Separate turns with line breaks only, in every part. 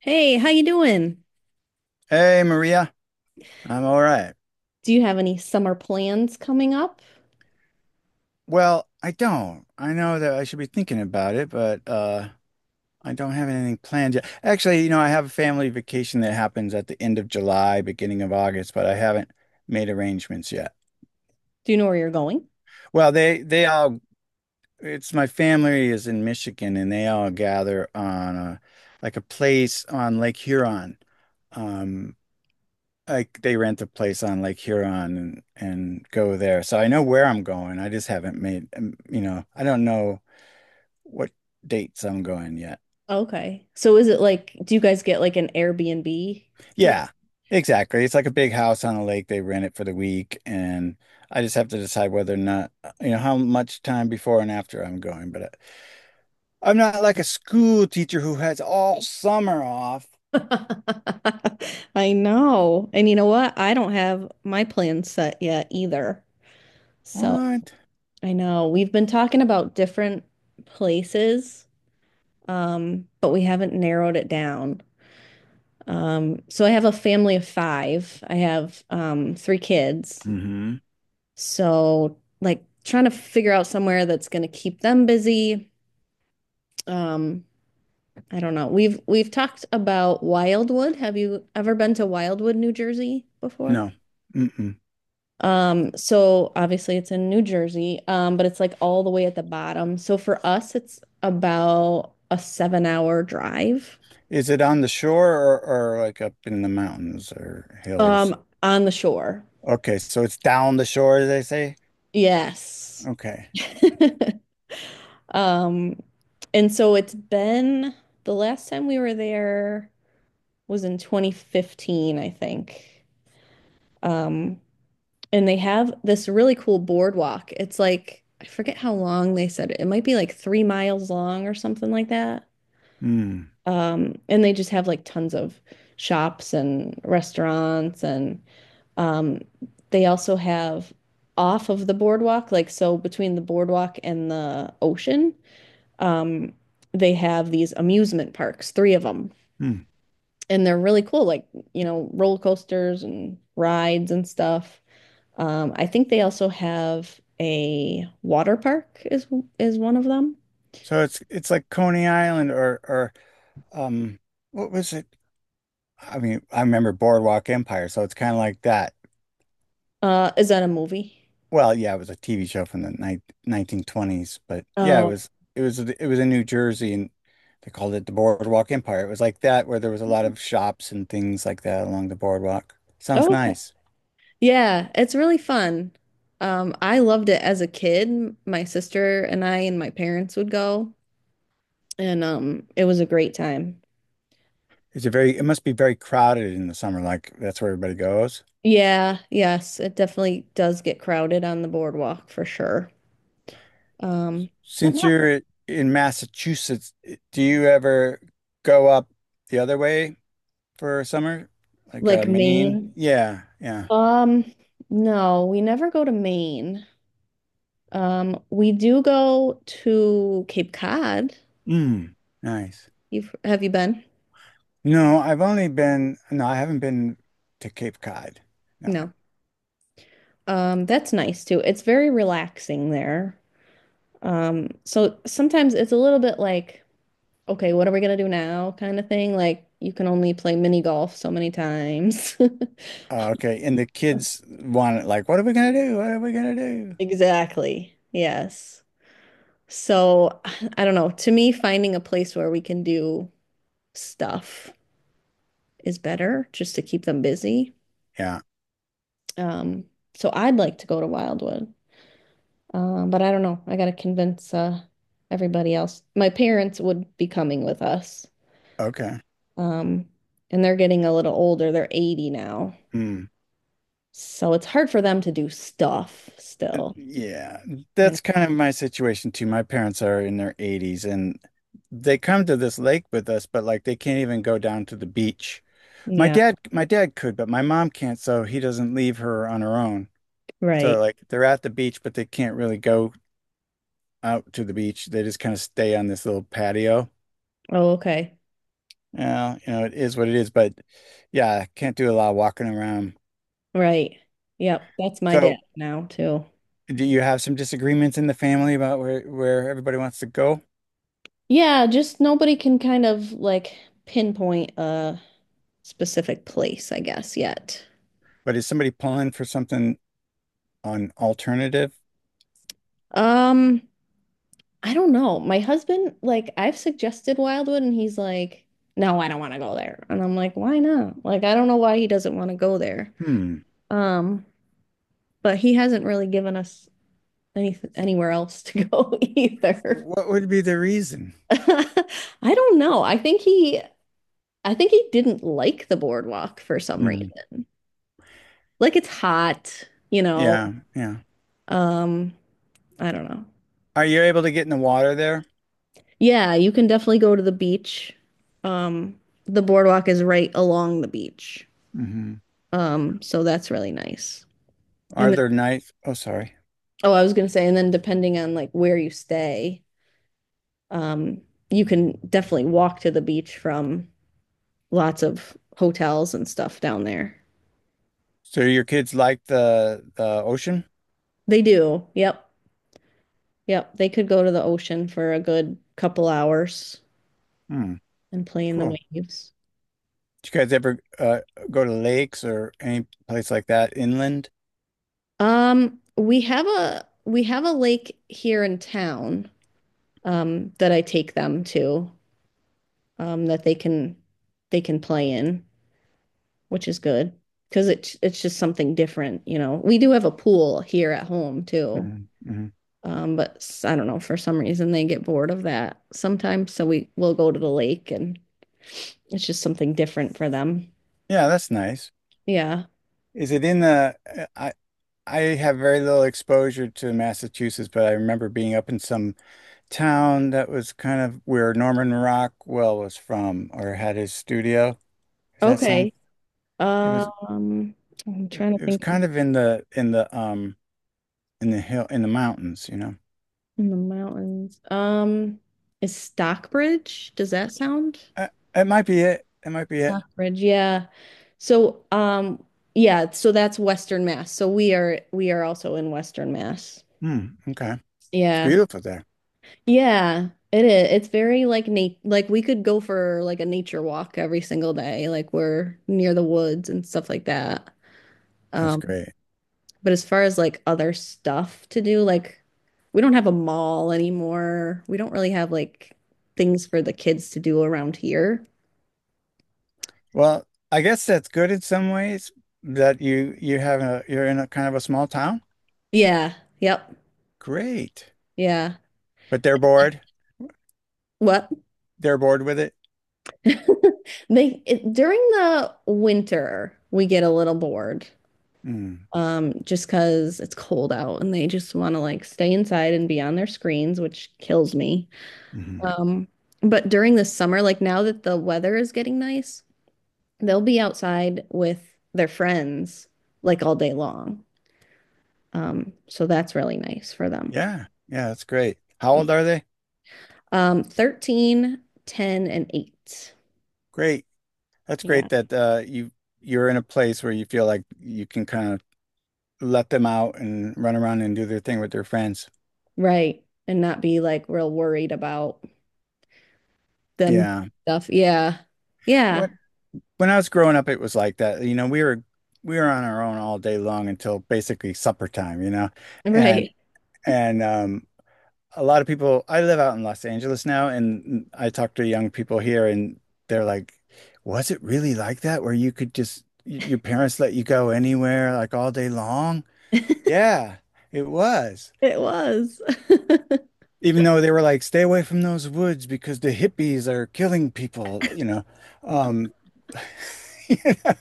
Hey, how you doing?
Hey Maria, I'm all right.
Do you have any summer plans coming up?
Well, I don't. I know that I should be thinking about it, but I don't have anything planned yet. Actually, you know, I have a family vacation that happens at the end of July, beginning of August, but I haven't made arrangements yet.
Do you know where you're going?
Well, they all it's my family is in Michigan and they all gather on a like a place on Lake Huron. Um like they rent a place on Lake Huron and go there. So I know where I'm going. I just haven't made, you know, I don't know what dates I'm going yet.
Okay. So is it like, do you guys get like an Airbnb? Yep.
Yeah, exactly. It's like a big house on a lake. They rent it for the week, and I just have to decide whether or not, you know, how much time before and after I'm going. But I I'm not like a school teacher who has all summer off.
I know. And you know what? I don't have my plans set yet either. So
What?
I know we've been talking about different places, but we haven't narrowed it down. So I have a family of five. I have three kids.
Mm-hmm.
So like trying to figure out somewhere that's going to keep them busy. Um, I don't know. We've talked about Wildwood. Have you ever been to Wildwood, New Jersey before?
No. Mm-mm.
So obviously it's in New Jersey, but it's like all the way at the bottom. So for us, it's about a 7-hour drive,
Is it on the shore or like up in the mountains or hills?
um, on the shore.
Okay, so it's down the shore, as they say.
Yes.
Okay.
Um, and so it's been, the last time we were there was in 2015, I think. Um, and they have this really cool boardwalk. It's like, I forget how long they said it. It might be like 3 miles long or something like that.
Hmm.
And they just have like tons of shops and restaurants. And um, they also have off of the boardwalk, like so between the boardwalk and the ocean um, they have these amusement parks, three of them,
Hmm.
and they're really cool, like, roller coasters and rides and stuff. I think they also have a water park is one of them.
So it's like Coney Island or um what was it? I mean, I remember Boardwalk Empire, so it's kind of like that.
Is that a movie?
Well, yeah, it was a TV show from the ni 1920s, but yeah, it
Oh,
was it was it was in New Jersey and they called it the Boardwalk Empire. It was like that where there was a lot of shops and things like that along the boardwalk. Sounds
oh, okay.
nice.
Yeah, it's really fun. I loved it as a kid. My sister and I and my parents would go, and it was a great time.
It must be very crowded in the summer, like that's where everybody goes.
Yeah, yes, it definitely does get crowded on the boardwalk for sure. Um, but
Since
not
you're in Massachusetts, do you ever go up the other way for summer? Like
like
Maine?
Maine.
Yeah, yeah.
Um, no, we never go to Maine. We do go to Cape Cod.
Mm, nice.
You've have you been?
No, I've only been, no, I haven't been to Cape Cod. No.
No. That's nice too. It's very relaxing there. So sometimes it's a little bit like, okay, what are we gonna do now kind of thing. Like you can only play mini golf so many times.
Okay. And the kids want it like, what are we gonna do? What are we gonna do?
Exactly. Yes. So I don't know. To me, finding a place where we can do stuff is better just to keep them busy.
Yeah.
Um, so I'd like to go to Wildwood. But I don't know. I gotta convince everybody else. My parents would be coming with us.
Okay.
Um, and they're getting a little older. They're 80 now.
Mm.
So it's hard for them to do stuff still,
Yeah.
you know.
That's kind of my situation too. My parents are in their 80s and they come to this lake with us, but like they can't even go down to the beach.
Yeah,
My dad could, but my mom can't, so he doesn't leave her on her own. So
right.
like they're at the beach, but they can't really go out to the beach. They just kind of stay on this little patio.
Oh, okay.
Yeah, you know, it is what it is, but yeah, can't do a lot of walking around.
Right. Yep. That's my
So
dad now too.
do you have some disagreements in the family about where everybody wants to go?
Yeah, just nobody can kind of like pinpoint a specific place, I guess, yet.
But is somebody pulling for something on alternative?
Um, I don't know. My husband, like, I've suggested Wildwood and he's like, no, I don't want to go there. And I'm like, why not? Like, I don't know why he doesn't want to go there.
Hmm.
Um, but he hasn't really given us anywhere else to go either.
What would be the reason?
I don't know. I think he didn't like the boardwalk for some
Hmm.
reason. Like it's hot.
Yeah, yeah.
Um, I don't know.
Are you able to get in the water there?
Yeah, you can definitely go to the beach. Um, the boardwalk is right along the beach.
Hmm.
So that's really nice.
Are
And then,
there nights? Oh, sorry.
oh, I was gonna say, and then depending on like where you stay, um, you can definitely walk to the beach from lots of hotels and stuff down there.
So your kids like the ocean?
They do. Yep. Yep. They could go to the ocean for a good couple hours
Hmm.
and play in the
Cool.
waves.
Did you guys ever go to lakes or any place like that inland?
We have a lake here in town, that I take them to, that they can play in, which is good because it's just something different. We do have a pool here at home too,
Mm-hmm.
but I don't know for some reason they get bored of that sometimes, so we will go to the lake and it's just something different for them.
Yeah, that's nice.
Yeah.
Is it in the? I have very little exposure to Massachusetts, but I remember being up in some town that was kind of where Norman Rockwell was from or had his studio. Does that sound?
Okay.
It was
Um, I'm trying to
it was
think of
kind of in the in the hill in the mountains, you know.
in the mountains. Is Stockbridge? Does that sound?
Uh, it might be it. It might be it.
Rockbridge, yeah. So, um, yeah, so that's Western Mass. So we are also in Western Mass.
Hmm. Okay. It's
Yeah.
beautiful there.
Yeah, it is. It's very like we could go for like a nature walk every single day. Like we're near the woods and stuff like that.
That's
Um,
great.
but as far as like other stuff to do, like we don't have a mall anymore. We don't really have like things for the kids to do around here.
Well, I guess that's good in some ways that you have a you're in a kind of a small town.
Yeah. Yep.
Great.
Yeah.
But they're bored.
What?
They're bored with it.
During the winter we get a little bored,
Mm.
just because it's cold out and they just want to like stay inside and be on their screens, which kills me.
Hmm.
Um, but during the summer, like now that the weather is getting nice, they'll be outside with their friends like all day long. So that's really nice for them.
Yeah. Yeah, that's great. How old are they?
13, 10, and 8.
Great. That's
Yeah.
great that you you're in a place where you feel like you can kind of let them out and run around and do their thing with their friends.
Right. And not be like real worried about them do
Yeah.
stuff. Yeah. Yeah.
Well, when I was growing up, it was like that. You know, we were on our own all day long until basically supper time, you know. And
Right.
and um a lot of people I live out in Los Angeles now and I talk to young people here and they're like, was it really like that where you could just your parents let you go anywhere like all day long? Yeah, it was.
It was.
Even though they were like, stay away from those woods because the hippies are killing people, you know. Um, you know?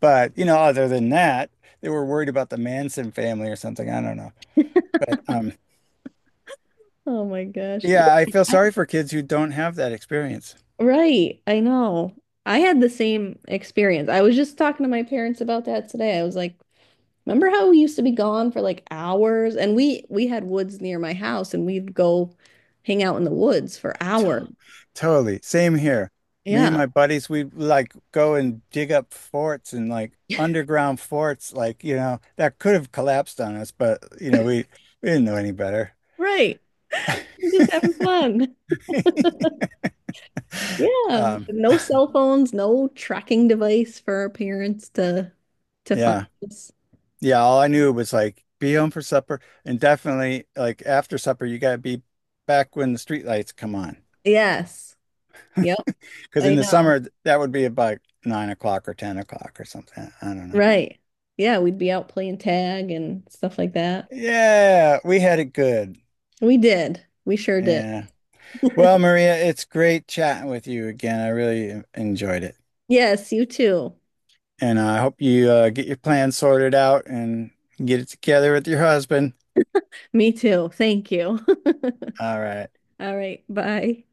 But, you know, other than that, they were worried about the Manson family or something. I don't know. But
Oh my gosh. Yeah.
yeah, I feel
I-
sorry for kids who don't have that experience.
Right. I know. I had the same experience. I was just talking to my parents about that today. I was like, remember how we used to be gone for like hours? And we had woods near my house and we'd go hang out in the woods for
T-
hours.
Totally. Same here. Me and
Yeah.
my buddies, we like go and dig up forts and like underground forts, like, you know, that could have collapsed on us, but, you know, we didn't know any better.
Right. We're just having fun. Yeah.
Um,
No cell phones, no tracking device for our parents to to find
yeah.
us.
Yeah, all I knew was like be home for supper and definitely like after supper you gotta be back when the street lights come on.
Yes. Yep,
Because
I
in the
know.
summer that would be about 9 o'clock or 10 o'clock or something. I don't know.
Right. Yeah, we'd be out playing tag and stuff like that.
Yeah, we had it good.
We did. We sure did.
Yeah. Well, Maria, it's great chatting with you again. I really enjoyed it.
Yes, you too.
And I hope you get your plan sorted out and get it together with your husband.
Me too. Thank you.
All right.
All right. Bye.